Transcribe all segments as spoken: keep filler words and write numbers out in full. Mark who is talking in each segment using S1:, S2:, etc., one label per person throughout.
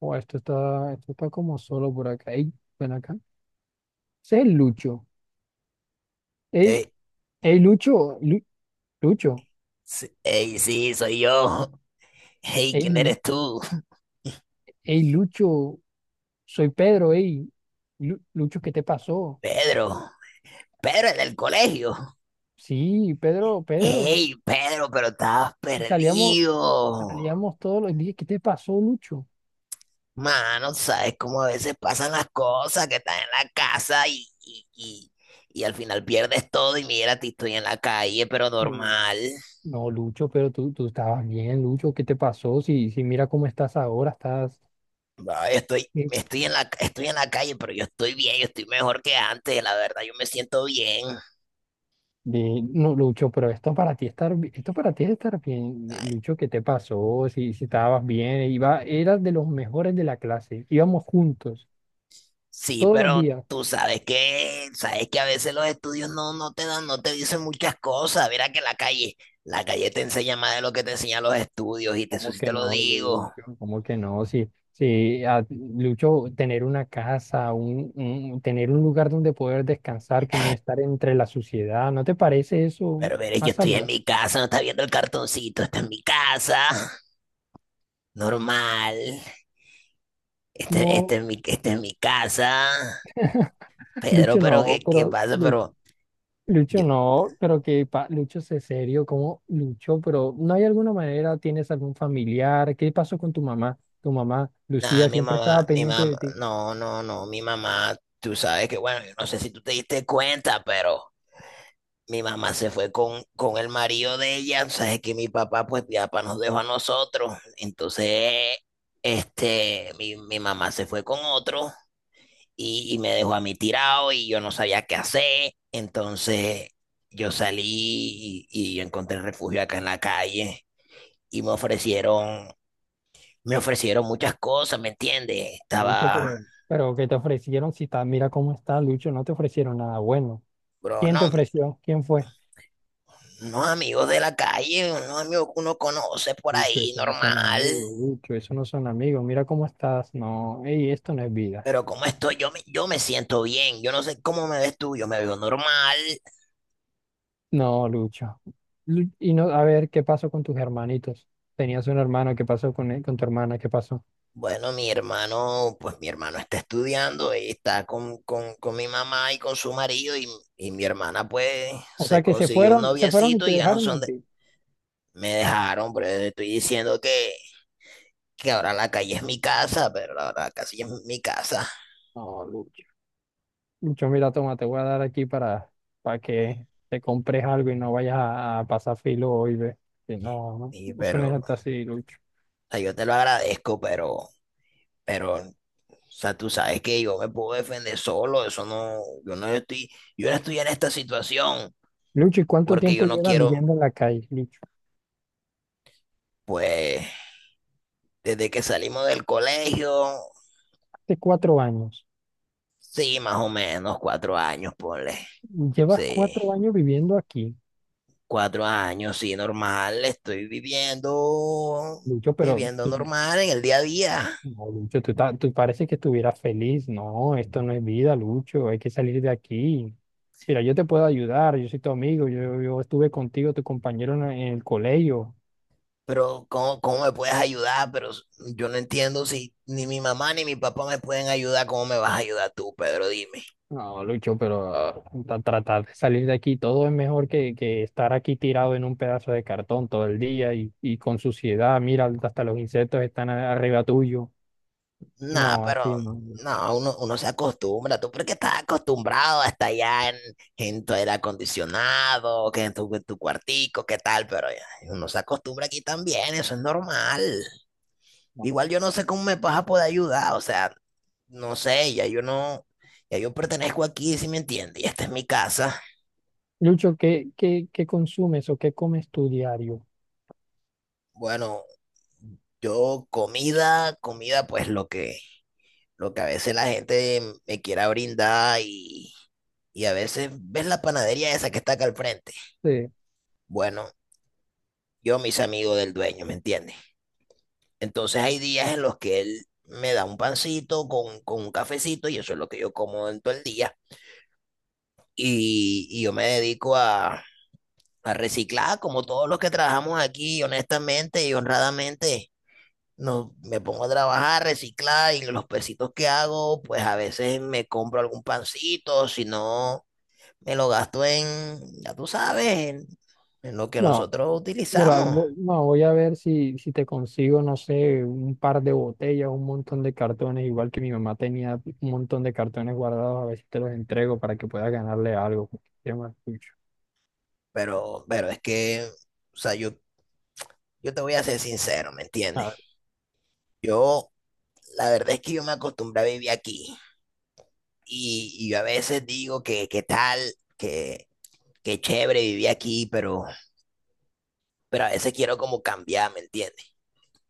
S1: Oh, esto está, esto está como solo por acá. Ey, ven acá. Ese es Lucho. Ey,
S2: Ey,
S1: ey, Lucho, Lu- Lucho.
S2: sí, ey, sí, soy yo. Hey, ¿quién
S1: Ey,
S2: eres tú?
S1: ey, Lucho, soy Pedro, ey. Lu- Lucho, ¿qué te pasó?
S2: Pedro. Pedro, el del colegio.
S1: Sí, Pedro, Pedro.
S2: Hey, Pedro, pero estabas
S1: Y Salíamos,
S2: perdido.
S1: salíamos todos los días. ¿Qué te pasó, Lucho?
S2: Mano, sabes cómo a veces pasan las cosas, que estás en la casa y, y, y, y al final pierdes todo y mira, ti estoy en la calle, pero
S1: No,
S2: normal.
S1: no, Lucho, pero tú, tú estabas bien, Lucho. ¿Qué te pasó? Si, si mira cómo estás ahora, estás.
S2: Ay, estoy, estoy en la, estoy en la calle, pero yo estoy bien, yo estoy mejor que antes, la verdad, yo me siento bien.
S1: De, no, Lucho, pero esto para ti estar, bi- esto para ti es estar bien. Eh,
S2: Ay,
S1: Lucho, ¿qué te pasó? Si, si estabas bien, iba, eras de los mejores de la clase, íbamos juntos,
S2: sí,
S1: todos los
S2: pero
S1: días.
S2: tú sabes que, sabes que a veces los estudios no, no te dan, no te dicen muchas cosas. Mira que la calle, la calle te enseña más de lo que te enseñan los estudios, y te, eso
S1: ¿Cómo
S2: sí
S1: que
S2: te lo
S1: no,
S2: digo.
S1: Lucho? ¿Cómo que no? Si, si a- Lucho, tener una casa, un, un- tener un lugar donde poder descansar, que no estar entre la suciedad, ¿no te parece eso
S2: Pero mire, yo
S1: más
S2: estoy en
S1: saludable?
S2: mi casa, no estás viendo el cartoncito, está en mi casa, normal. Este, este
S1: No,
S2: es mi, este es mi casa. Pedro,
S1: Lucho,
S2: pero
S1: no,
S2: ¿qué, qué
S1: pero
S2: pasa?
S1: Lucho.
S2: Pero
S1: Lucho,
S2: yo,
S1: no, pero que pa- Lucho, sé serio, ¿cómo Lucho? Pero ¿no hay alguna manera? ¿Tienes algún familiar? ¿Qué pasó con tu mamá? Tu mamá,
S2: nada,
S1: Lucía,
S2: mi
S1: siempre
S2: mamá,
S1: estaba
S2: mi
S1: pendiente
S2: mamá,
S1: de ti.
S2: no, no, no, mi mamá, tú sabes que, bueno, yo no sé si tú te diste cuenta, pero. Mi mamá se fue con, con el marido de ella, sabes que mi papá pues ya pa nos dejó a nosotros. Entonces este, mi, mi mamá se fue con otro y, y me dejó a mí tirado y yo no sabía qué hacer. Entonces yo salí y, y yo encontré refugio acá en la calle y me ofrecieron, me ofrecieron muchas cosas, ¿me entiendes?
S1: Lucho,
S2: Estaba,
S1: pero, pero ¿qué te ofrecieron? Si está, mira cómo está, Lucho, no te ofrecieron nada bueno.
S2: bro,
S1: ¿Quién te
S2: no,
S1: ofreció? ¿Quién fue?
S2: unos amigos de la calle, unos amigos que uno conoce por
S1: Lucho,
S2: ahí,
S1: eso no
S2: normal.
S1: son amigos, Lucho, eso no son amigos. Mira cómo estás. No, ey, esto no es vida.
S2: Pero como estoy, yo me, yo me siento bien, yo no sé cómo me ves tú, yo me veo normal.
S1: No, Lucho. Lu- Y no, a ver, ¿qué pasó con tus hermanitos? Tenías un hermano, ¿qué pasó con él, con tu hermana? ¿Qué pasó?
S2: Bueno, mi hermano, pues mi hermano está estudiando y está con, con, con mi mamá y con su marido, y, y mi hermana pues
S1: O
S2: se
S1: sea que se
S2: consiguió un
S1: fueron, se fueron y
S2: noviecito
S1: te
S2: y ya no
S1: dejaron
S2: son
S1: a
S2: de...
S1: ti.
S2: Me dejaron, pero te estoy diciendo que, que, ahora la calle es mi casa, pero la verdad, casi es mi casa.
S1: No, Lucho. Lucho, mira, toma, te voy a dar aquí para, para que te compres algo y no vayas a, a pasar filo hoy, ve. Que no,
S2: Y,
S1: no, eso no
S2: pero,
S1: es
S2: o
S1: hasta así, Lucho.
S2: sea, yo te lo agradezco, pero, pero sea, tú sabes que yo me puedo defender solo, eso no, yo no estoy, yo no estoy en esta situación,
S1: Lucho, ¿y cuánto
S2: porque yo
S1: tiempo
S2: no
S1: llevas
S2: quiero,
S1: viviendo en la calle, Lucho?
S2: pues, desde que salimos del colegio,
S1: Hace cuatro años.
S2: sí, más o menos cuatro años, ponle,
S1: Llevas
S2: sí,
S1: cuatro años viviendo aquí,
S2: cuatro años, sí, normal, estoy viviendo,
S1: Lucho, pero
S2: viviendo
S1: tú,
S2: normal en el día a día.
S1: no, Lucho, tú, ta- tú parece que estuvieras feliz. No, esto no es vida, Lucho. Hay que salir de aquí. Mira, yo te puedo ayudar, yo soy tu amigo, yo, yo estuve contigo, tu compañero en, en el colegio.
S2: Pero ¿cómo, cómo me puedes ayudar? Pero yo no entiendo si ni mi mamá ni mi papá me pueden ayudar, ¿cómo me vas a ayudar tú, Pedro? Dime.
S1: No, Lucho, pero ah, tra- tratar de salir de aquí, todo es mejor que, que estar aquí tirado en un pedazo de cartón todo el día y, y con suciedad, mira, hasta los insectos están a- arriba tuyo.
S2: Nah,
S1: No,
S2: pero
S1: así no.
S2: no, uno, uno se acostumbra. Tú porque estás acostumbrado a estar allá en, en, tu aire acondicionado, que en tu, en tu cuartico, qué tal, pero ya, uno se acostumbra aquí también, eso es normal.
S1: No.
S2: Igual yo no sé cómo me vas a poder ayudar, o sea, no sé, ya yo no, ya yo pertenezco aquí, si me entiendes, y esta es mi casa.
S1: Lucho, ¿qué, qué, qué consumes o qué comes tu diario?
S2: Bueno, yo comida, comida, pues lo que, lo que, a veces la gente me quiera brindar, y y a veces ves la panadería esa que está acá al frente.
S1: Sí.
S2: Bueno, yo mis amigos del dueño, ¿me entiendes? Entonces hay días en los que él me da un pancito con, con, un cafecito y eso es lo que yo como en todo el día. Y, y yo me dedico a, a reciclar como todos los que trabajamos aquí, honestamente y honradamente. No, me pongo a trabajar, reciclar y los pesitos que hago, pues a veces me compro algún pancito, si no, me lo gasto en, ya tú sabes, en, en, lo que
S1: No.
S2: nosotros
S1: Mira,
S2: utilizamos.
S1: vo- no, voy a ver si, si te consigo, no sé, un par de botellas, un montón de cartones, igual que mi mamá tenía un montón de cartones guardados, a ver si te los entrego para que puedas ganarle algo, porque se llama Lucho.
S2: Pero, pero, es que, o sea, yo, yo te voy a ser sincero, ¿me
S1: A
S2: entiendes?
S1: ver,
S2: Yo, la verdad es que yo me acostumbré a vivir aquí. Y, y yo a veces digo que, que tal, que, que chévere vivir aquí, pero, pero a veces quiero como cambiar, ¿me entiendes?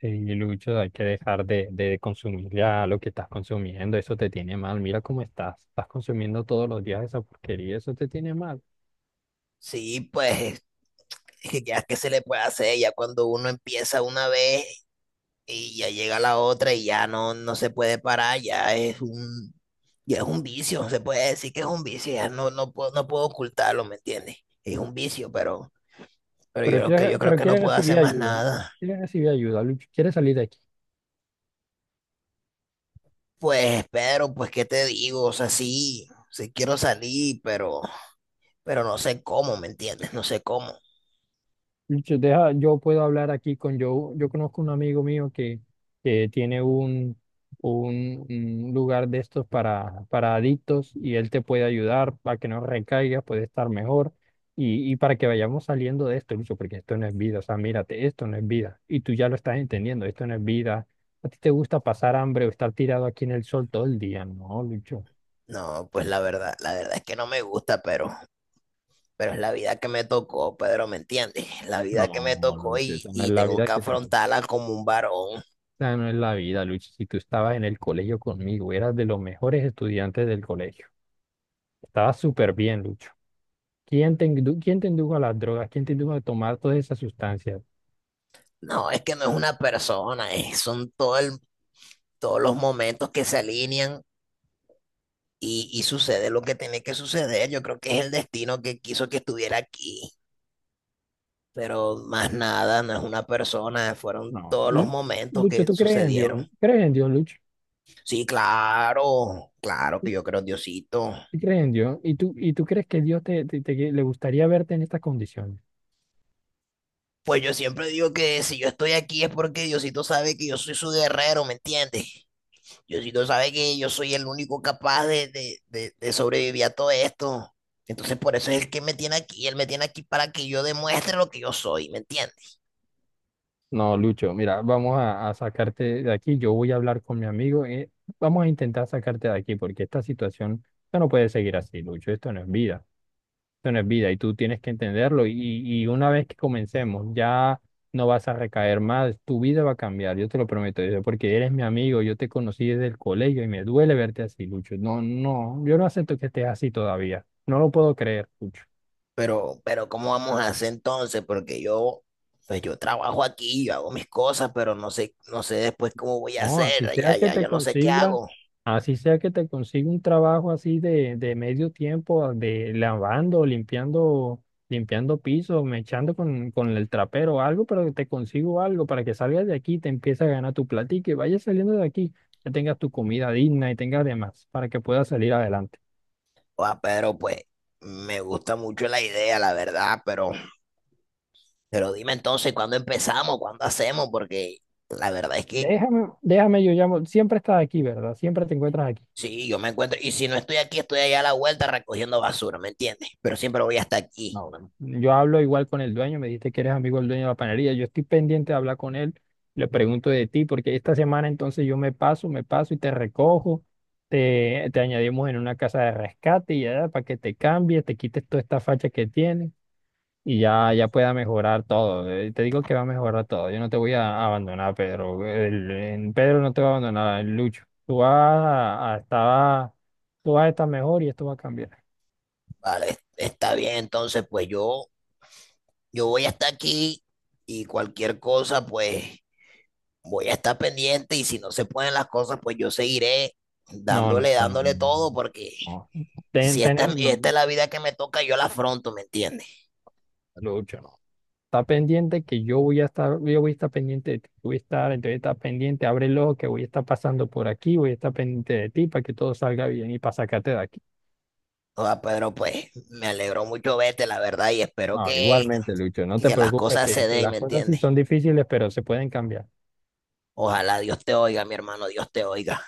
S1: sí, Lucho, hay que dejar de, de consumir ya lo que estás consumiendo, eso te tiene mal, mira cómo estás, estás consumiendo todos los días esa porquería, eso te tiene mal.
S2: Sí, pues, ya que se le puede hacer, ya cuando uno empieza una vez, y ya llega la otra y ya no, no se puede parar, ya es un, ya es un, vicio, se puede decir que es un vicio, ya no, no puedo, no puedo ocultarlo, ¿me entiendes? Es un vicio, pero, pero yo
S1: Pero
S2: creo que
S1: quieres,
S2: yo creo
S1: pero
S2: que no
S1: quieres
S2: puedo hacer
S1: recibir
S2: más
S1: ayuda, ¿no?
S2: nada.
S1: Quieres recibir ayuda, Lucho, quieres salir de aquí.
S2: Pues Pedro pues qué te digo, o sea, sí, sí quiero salir, pero, pero, no sé cómo, ¿me entiendes? No sé cómo.
S1: Yo, deja, yo puedo hablar aquí con Joe. Yo conozco un amigo mío que, que tiene un, un, un lugar de estos para, para adictos y él te puede ayudar para que no recaigas, puede estar mejor y, y para que vayamos saliendo de esto, Lucho, porque esto no es vida. O sea, mírate, esto no es vida. Y tú ya lo estás entendiendo, esto no es vida. ¿A ti te gusta pasar hambre o estar tirado aquí en el sol todo el día? No, Lucho.
S2: No, pues la verdad, la verdad, es que no me gusta, pero, pero es la vida que me tocó, Pedro, ¿me entiendes? La
S1: No,
S2: vida que me tocó
S1: Lucho,
S2: y,
S1: esa no es
S2: y
S1: la
S2: tengo
S1: vida
S2: que
S1: que te
S2: afrontarla como un varón.
S1: sea, no es la vida, Lucho. Si tú estabas en el colegio conmigo, eras de los mejores estudiantes del colegio. Estabas súper bien, Lucho. ¿Quién te, indu- quién te indujo a las drogas? ¿Quién te indujo a tomar todas esas sustancias?
S2: No, es que no es una persona, es- son todo el- todos los momentos que se alinean y, y sucede lo que tiene que suceder. Yo creo que es el destino que quiso que estuviera aquí, pero más nada, no es una persona, fueron
S1: No.
S2: todos los
S1: Lu-
S2: momentos
S1: Lucho,
S2: que
S1: ¿tú crees en Dios?
S2: sucedieron.
S1: ¿Crees en Dios, Lucho?
S2: Sí, claro, claro que yo creo en Diosito.
S1: ¿Tú crees en Dios? ¿Y tú, y tú crees que Dios te, te- te- le gustaría verte en estas condiciones?
S2: Pues yo siempre digo que si yo estoy aquí es porque Diosito sabe que yo soy su guerrero, ¿me entiendes? Diosito sabe que yo soy el único capaz de, de, de- de sobrevivir a todo esto. Entonces por eso es el que me tiene aquí. Él me tiene aquí para que yo demuestre lo que yo soy, ¿me entiendes?
S1: No, Lucho, mira, vamos a, a sacarte de aquí. Yo voy a hablar con mi amigo. eh, vamos a intentar sacarte de aquí porque esta situación ya no puede seguir así, Lucho. Esto no es vida. Esto no es vida y tú tienes que entenderlo. Y, y una vez que comencemos, ya no vas a recaer más. Tu vida va a cambiar, yo te lo prometo. yo- Porque eres mi amigo. Yo te conocí desde el colegio y me duele verte así, Lucho. No, no, yo no acepto que estés así todavía. No lo puedo creer, Lucho.
S2: Pero, pero, ¿cómo vamos a hacer entonces? Porque yo, pues yo trabajo aquí, yo hago mis cosas, pero no sé, no sé después cómo voy a
S1: No, así
S2: hacer.
S1: sea
S2: Ya,
S1: que
S2: ya,
S1: te
S2: yo no sé qué
S1: consiga,
S2: hago.
S1: así sea que te consiga un trabajo así de, de medio tiempo, de lavando, limpiando, limpiando pisos, echando con, con el trapero o algo, pero que te consigo algo para que salgas de aquí, te empieces a ganar tu platica y vayas saliendo de aquí, que tengas tu comida digna y tengas demás para que puedas salir adelante.
S2: Ah, pero pues me gusta mucho la idea, la verdad. Pero, pero, dime entonces, ¿cuándo empezamos? ¿Cuándo hacemos? Porque la verdad es que
S1: Déjame, déjame, yo llamo, siempre estás aquí, ¿verdad? Siempre te encuentras aquí.
S2: sí, yo me encuentro. Y si no estoy aquí, estoy allá a la vuelta recogiendo basura, ¿me entiendes? Pero siempre voy hasta aquí.
S1: No, bueno. Yo hablo igual con el dueño, me dijiste que eres amigo del dueño de la panadería. Yo estoy pendiente de hablar con él, le pregunto de ti, porque esta semana entonces yo me paso, me paso y te recojo, te, te añadimos en una casa de rescate y ya para que te cambies, te quites toda esta facha que tienes y ya, ya pueda mejorar todo. Eh, Te digo que va a mejorar todo. Yo no te voy a abandonar, Pedro. El, el Pedro no te va a abandonar, el Lucho. Tú vas a, a estar, tú vas a estar mejor y esto va a cambiar.
S2: Vale, está bien. Entonces, pues yo, yo voy hasta aquí y cualquier cosa, pues voy a estar pendiente. Y si no se pueden las cosas, pues yo seguiré
S1: No, no,
S2: dándole,
S1: no,
S2: dándole todo,
S1: no.
S2: porque
S1: No. Ten,
S2: si esta, es-
S1: ten-
S2: esta
S1: no,
S2: es la vida que me toca, yo la afronto, ¿me entiendes?
S1: Lucho, no. Está pendiente que yo voy a estar, yo voy a estar pendiente de ti. Voy a estar, entonces está pendiente, abre el ojo que voy a estar pasando por aquí, voy a estar pendiente de ti para que todo salga bien y para sacarte de aquí.
S2: O sea, Pedro, pues me alegró mucho verte, la verdad, y espero
S1: No,
S2: que,
S1: igualmente, Lucho, no te
S2: que las
S1: preocupes
S2: cosas
S1: que,
S2: se
S1: que
S2: den,
S1: las
S2: ¿me
S1: cosas sí
S2: entiendes?
S1: son difíciles, pero se pueden cambiar.
S2: Ojalá Dios te oiga, mi hermano, Dios te oiga.